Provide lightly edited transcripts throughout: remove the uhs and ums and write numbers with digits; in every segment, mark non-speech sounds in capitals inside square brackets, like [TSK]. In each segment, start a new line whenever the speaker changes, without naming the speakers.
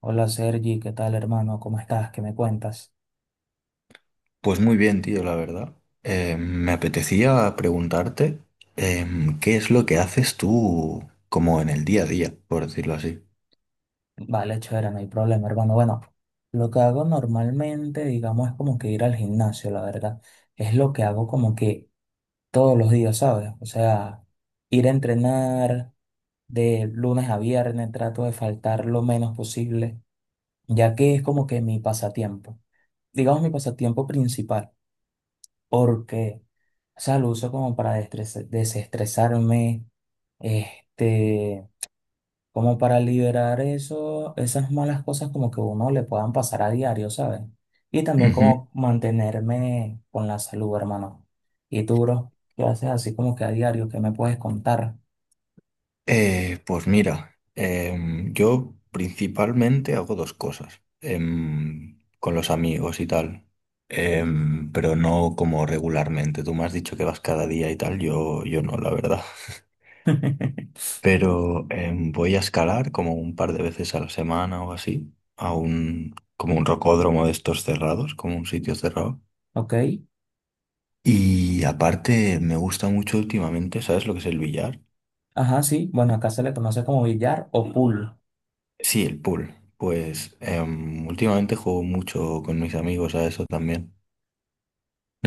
Hola Sergi, ¿qué tal hermano? ¿Cómo estás? ¿Qué me cuentas?
Pues muy bien, tío, la verdad. Me apetecía preguntarte qué es lo que haces tú como en el día a día, por decirlo así.
Vale, chévere, no hay problema hermano. Bueno, lo que hago normalmente, digamos, es como que ir al gimnasio, la verdad. Es lo que hago como que todos los días, ¿sabes? O sea, ir a entrenar de lunes a viernes, trato de faltar lo menos posible, ya que es como que mi pasatiempo, digamos mi pasatiempo principal, porque, o sea, lo uso como para desestresarme, este como para liberar esas malas cosas como que uno le puedan pasar a diario, ¿sabes? Y también
Ujú.
como mantenerme con la salud, hermano. Y tú, bro, ¿qué haces así como que a diario? ¿Qué me puedes contar?
Pues mira, yo principalmente hago dos cosas con los amigos y tal, pero no como regularmente. Tú me has dicho que vas cada día y tal, yo no, la verdad.
[LAUGHS]
Pero voy a escalar como un par de veces a la semana o así, a un, como un rocódromo de estos cerrados, como un sitio cerrado.
¿Ok?
Y aparte me gusta mucho últimamente, ¿sabes lo que es el billar?
Ajá, sí. Bueno, acá se le conoce como billar o pool.
Sí, el pool. Pues últimamente juego mucho con mis amigos a eso también.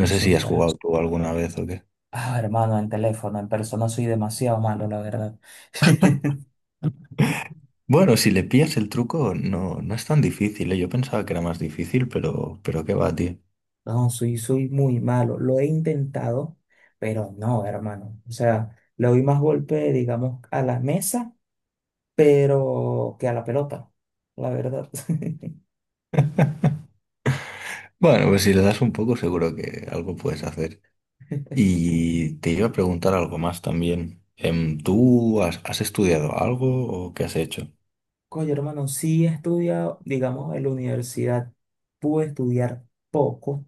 No sé si has
súper.
jugado tú alguna vez o qué.
Ah, hermano, en teléfono, en persona soy demasiado malo, la verdad. [LAUGHS]
Bueno, si le pillas el truco, no, no es tan difícil, ¿eh? Yo pensaba que era más difícil, pero qué va, tío.
No, soy muy malo. Lo he intentado, pero no, hermano. O sea, le doy más golpe, digamos, a la mesa pero que a la pelota, la verdad. [LAUGHS]
Bueno, pues si le das un poco, seguro que algo puedes hacer. Y te iba a preguntar algo más también. ¿Tú has estudiado algo o qué has hecho?
Coño, hermano, sí he estudiado, digamos, en la universidad pude estudiar poco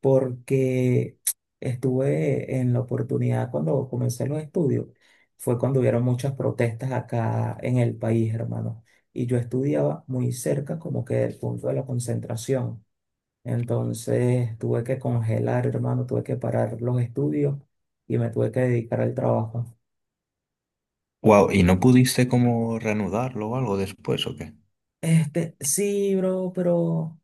porque estuve en la oportunidad cuando comencé los estudios, fue cuando hubieron muchas protestas acá en el país, hermano, y yo estudiaba muy cerca como que del punto de la concentración. Entonces tuve que congelar, hermano, tuve que parar los estudios y me tuve que dedicar al trabajo.
Wow, ¿y no pudiste como reanudarlo o algo después o qué?
Sí, bro, pero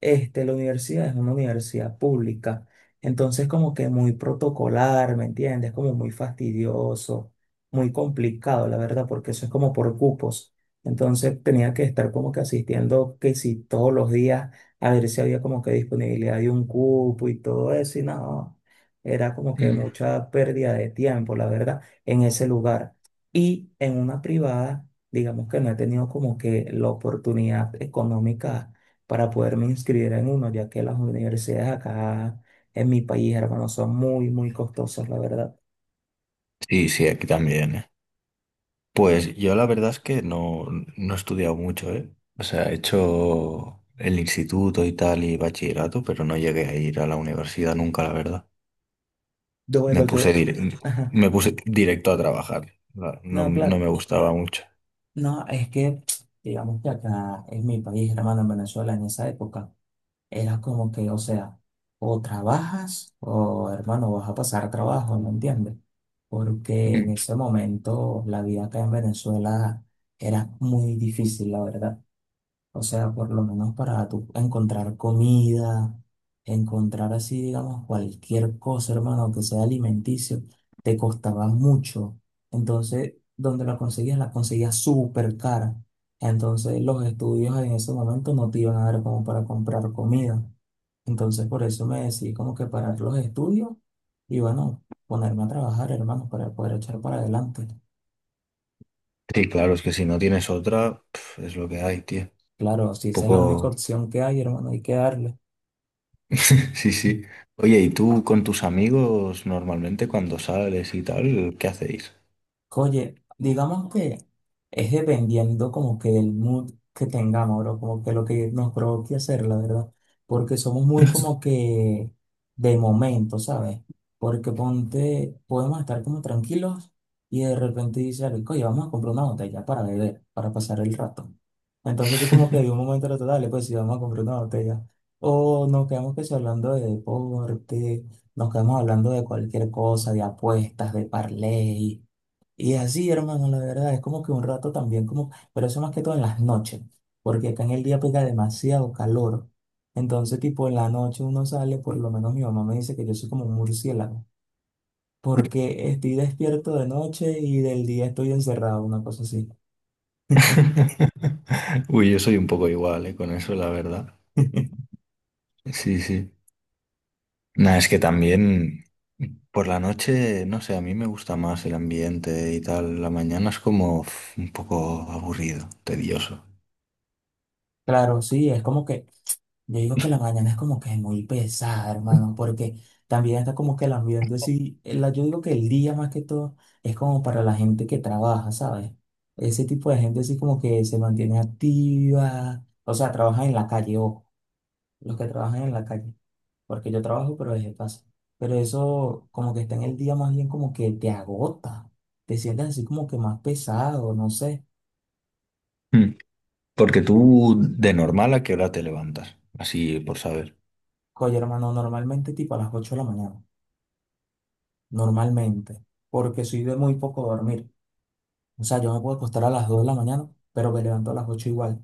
la universidad es una universidad pública, entonces como que muy protocolar, ¿me entiendes? Como muy fastidioso, muy complicado, la verdad, porque eso es como por cupos. Entonces tenía que estar como que asistiendo, que si todos los días, a ver si había como que disponibilidad de un cupo y todo eso, y no, era como que
Mm.
mucha pérdida de tiempo, la verdad, en ese lugar. Y en una privada digamos que no he tenido como que la oportunidad económica para poderme inscribir en uno, ya que las universidades acá en mi país, hermano, son muy, muy costosas, la verdad.
Sí, sí, aquí también, ¿eh? Pues yo la verdad es que no, no he estudiado mucho, ¿eh? O sea, he hecho el instituto y tal y bachillerato, pero no llegué a ir a la universidad nunca, la verdad.
Yo,
Me
bueno,
puse,
yo,
dir-
ajá,
Me puse directo a trabajar. No,
no,
no me
claro,
gustaba mucho.
no, es que, [TSK] digamos que acá en mi país, hermano, en Venezuela, en esa época, era como que, o sea, o trabajas o, hermano, vas a pasar trabajo, ¿me entiendes? Porque en ese momento la vida acá en Venezuela era muy difícil, la verdad. O sea, por lo menos para tú encontrar comida, encontrar así, digamos, cualquier cosa, hermano, que sea alimenticio, te costaba mucho. Entonces, donde la conseguías súper cara. Entonces, los estudios en ese momento no te iban a dar como para comprar comida. Entonces, por eso me decidí como que parar los estudios y bueno, ponerme a trabajar, hermano, para poder echar para adelante.
Sí, claro, es que si no tienes otra, pf, es lo que hay, tío. Claro.
Claro, si esa es la única
Poco.
opción que hay, hermano, hay que darle.
[LAUGHS] Sí, sí. Oye, ¿y tú con tus amigos normalmente cuando sales y tal, qué hacéis?
Oye, digamos que es dependiendo como que del mood que tengamos, bro, como que lo que nos provoque hacer, la verdad, porque somos muy como que de momento, ¿sabes? Porque ponte, podemos estar como tranquilos y de repente dice alguien, oye, vamos a comprar una botella para beber, para pasar el rato. Entonces sí como que de un momento al otro, dale, pues sí, vamos a comprar una botella. O nos quedamos que sí hablando de deporte, nos quedamos hablando de cualquier cosa, de apuestas, de parlay. Y así, hermano, la verdad, es como que un rato también, como, pero eso más que todo en las noches, porque acá en el día pega demasiado calor. Entonces, tipo, en la noche uno sale, por lo menos mi mamá me dice que yo soy como un murciélago, porque estoy despierto de noche y del día estoy encerrado, una cosa así.
[LAUGHS] Uy, yo soy un poco igual, con eso, la verdad.
[LAUGHS]
Sí, sí. Nada, es que también por la noche, no sé, a mí me gusta más el ambiente y tal. La mañana es como uf, un poco aburrido, tedioso.
Claro, sí, es como que yo digo que la mañana es como que muy pesada, hermano, porque también está como que el ambiente, sí, el- yo digo que el día más que todo es como para la gente que trabaja, ¿sabes? Ese tipo de gente sí como que se mantiene activa, o sea, trabaja en la calle, ojo, los que trabajan en la calle, porque yo trabajo pero desde casa, pero eso como que está en el día más bien como que te agota, te sientes así como que más pesado, no sé.
Mm. Porque tú, de normal, ¿a qué hora te levantas? Así por saber.
Oye, hermano, normalmente tipo a las 8 de la mañana, normalmente porque soy de muy poco dormir. O sea, yo me puedo acostar a las 2 de la mañana, pero me levanto a las 8 igual.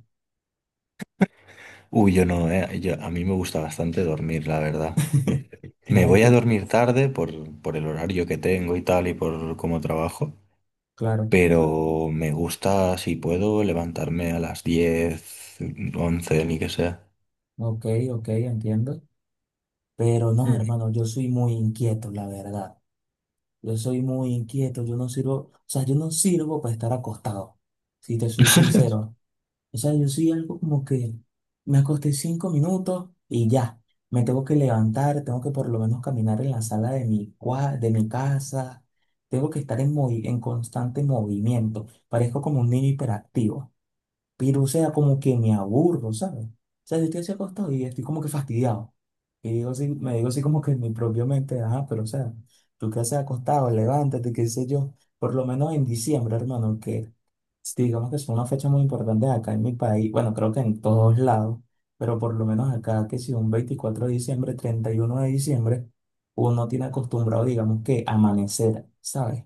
Uy, yo no, yo, a mí me gusta bastante dormir, la verdad.
[LAUGHS]
Me
No es
voy a
que,
dormir tarde por el horario que tengo y tal y por cómo trabajo,
claro,
pero me gusta, si puedo, levantarme a las 10 u 11 ni que sea.
ok, ok, entiendo. Pero no, hermano, yo soy muy inquieto, la verdad. Yo soy muy inquieto, yo no sirvo, o sea, yo no sirvo para estar acostado, si te soy
[LAUGHS]
sincero. O sea, yo soy algo como que me acosté 5 minutos y ya. Me tengo que levantar, tengo que por lo menos caminar en la sala de mi casa. Tengo que estar en constante movimiento. Parezco como un niño hiperactivo. Pero, o sea, como que me aburro, ¿sabes? O sea, yo estoy así acostado y estoy como que fastidiado. Y digo así, me digo así como que en mi propia mente, ajá, pero, o sea, tú qué haces acostado, levántate, qué sé yo. Por lo menos en diciembre, hermano, que digamos que es una fecha muy importante acá en mi país, bueno, creo que en todos lados, pero por lo menos acá, que si un 24 de diciembre, 31 de diciembre, uno tiene acostumbrado, digamos que amanecer, ¿sabes?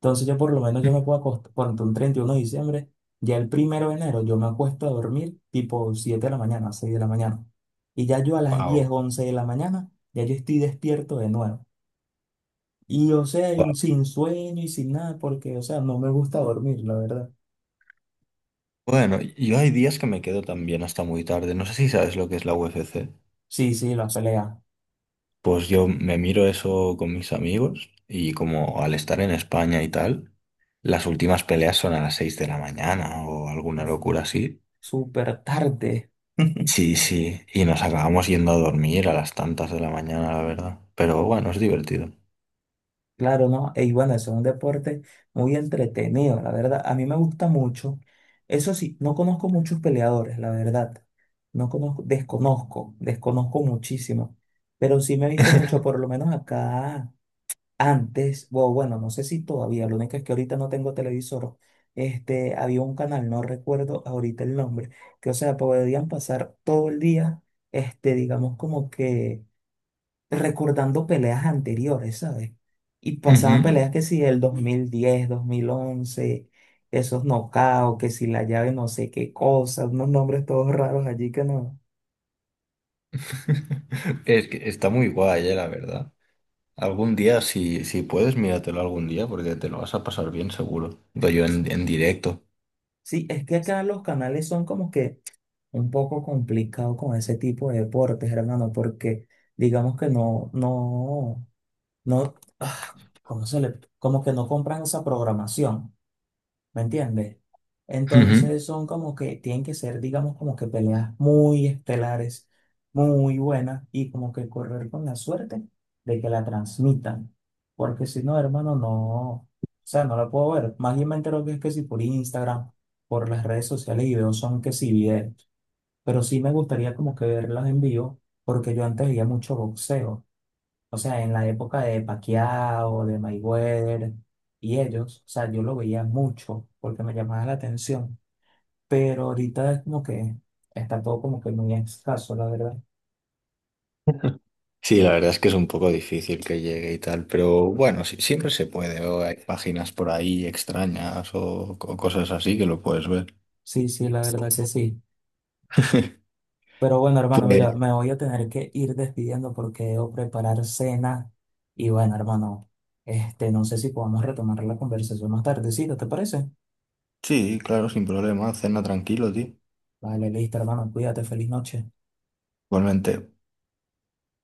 Entonces yo por lo menos yo me puedo acostar, por un 31 de diciembre. Ya el 1 de enero yo me acuesto a dormir tipo 7 de la mañana, 6 de la mañana. Y ya yo a las 10
Wow.
11 de la mañana, ya yo estoy despierto de nuevo. Y o sea,
Guau.
y sin sueño y sin nada, porque o sea, no me gusta dormir, la verdad.
Bueno, yo hay días que me quedo también hasta muy tarde. No sé si sabes lo que es la UFC.
Sí, sí, las peleas.
Pues yo me miro eso con mis amigos y como al estar en España y tal, las últimas peleas son a las 6 de la mañana o alguna locura así.
Súper tarde. [LAUGHS]
Sí, sí, y nos acabamos yendo a dormir a las tantas de la mañana, la verdad. Pero bueno, es divertido.
Claro, ¿no? Y bueno, eso es un deporte muy entretenido, la verdad. A mí me gusta mucho. Eso sí, no conozco muchos peleadores, la verdad. No conozco, desconozco, desconozco muchísimo. Pero sí me he visto mucho, por lo menos acá antes, o bueno, no sé si todavía, lo único es que ahorita no tengo televisor. Había un canal, no recuerdo ahorita el nombre, que o sea, podían pasar todo el día, digamos como que recordando peleas anteriores, ¿sabes? Y pasaban
Ujú.
peleas que si el 2010, 2011, esos knockouts, que si la llave no sé qué cosa, unos nombres todos raros allí que no.
[LAUGHS] Es que está muy guay, la verdad. Algún día, si, si puedes, míratelo algún día porque te lo vas a pasar bien seguro. Doy yo en directo.
Sí, es que acá los canales son como que un poco complicados con ese tipo de deportes, hermano, porque digamos que no, no, no, ah, ¿cómo se le, como que no compran esa programación. ¿Me entiendes?
Ujú.
Entonces son como que tienen que ser, digamos, como que peleas muy estelares, muy buenas y como que correr con la suerte de que la transmitan. Porque si no, hermano, no, o sea, no la puedo ver. Más bien me entero que es que si por Instagram, por las redes sociales y veo son que sí videos. Pero sí me gustaría como que verlas en vivo porque yo antes veía mucho boxeo. O sea, en la época de Paquiao, de Mayweather y ellos, o sea, yo lo veía mucho porque me llamaba la atención, pero ahorita es como que está todo como que muy escaso, la verdad.
Sí, la verdad es que es un poco difícil que llegue y tal, pero bueno, sí, siempre se puede, o hay páginas por ahí extrañas o, co- cosas así que lo puedes ver.
Sí, sí, la verdad que sí.
[LAUGHS]
Pero bueno, hermano, mira,
Pues
me voy a tener que ir despidiendo porque debo preparar cena. Y bueno, hermano, no sé si podamos retomar la conversación más tardecita, ¿te parece?
sí, claro, sin problema, cena tranquilo, tío.
Vale, listo, hermano, cuídate, feliz noche.
Igualmente.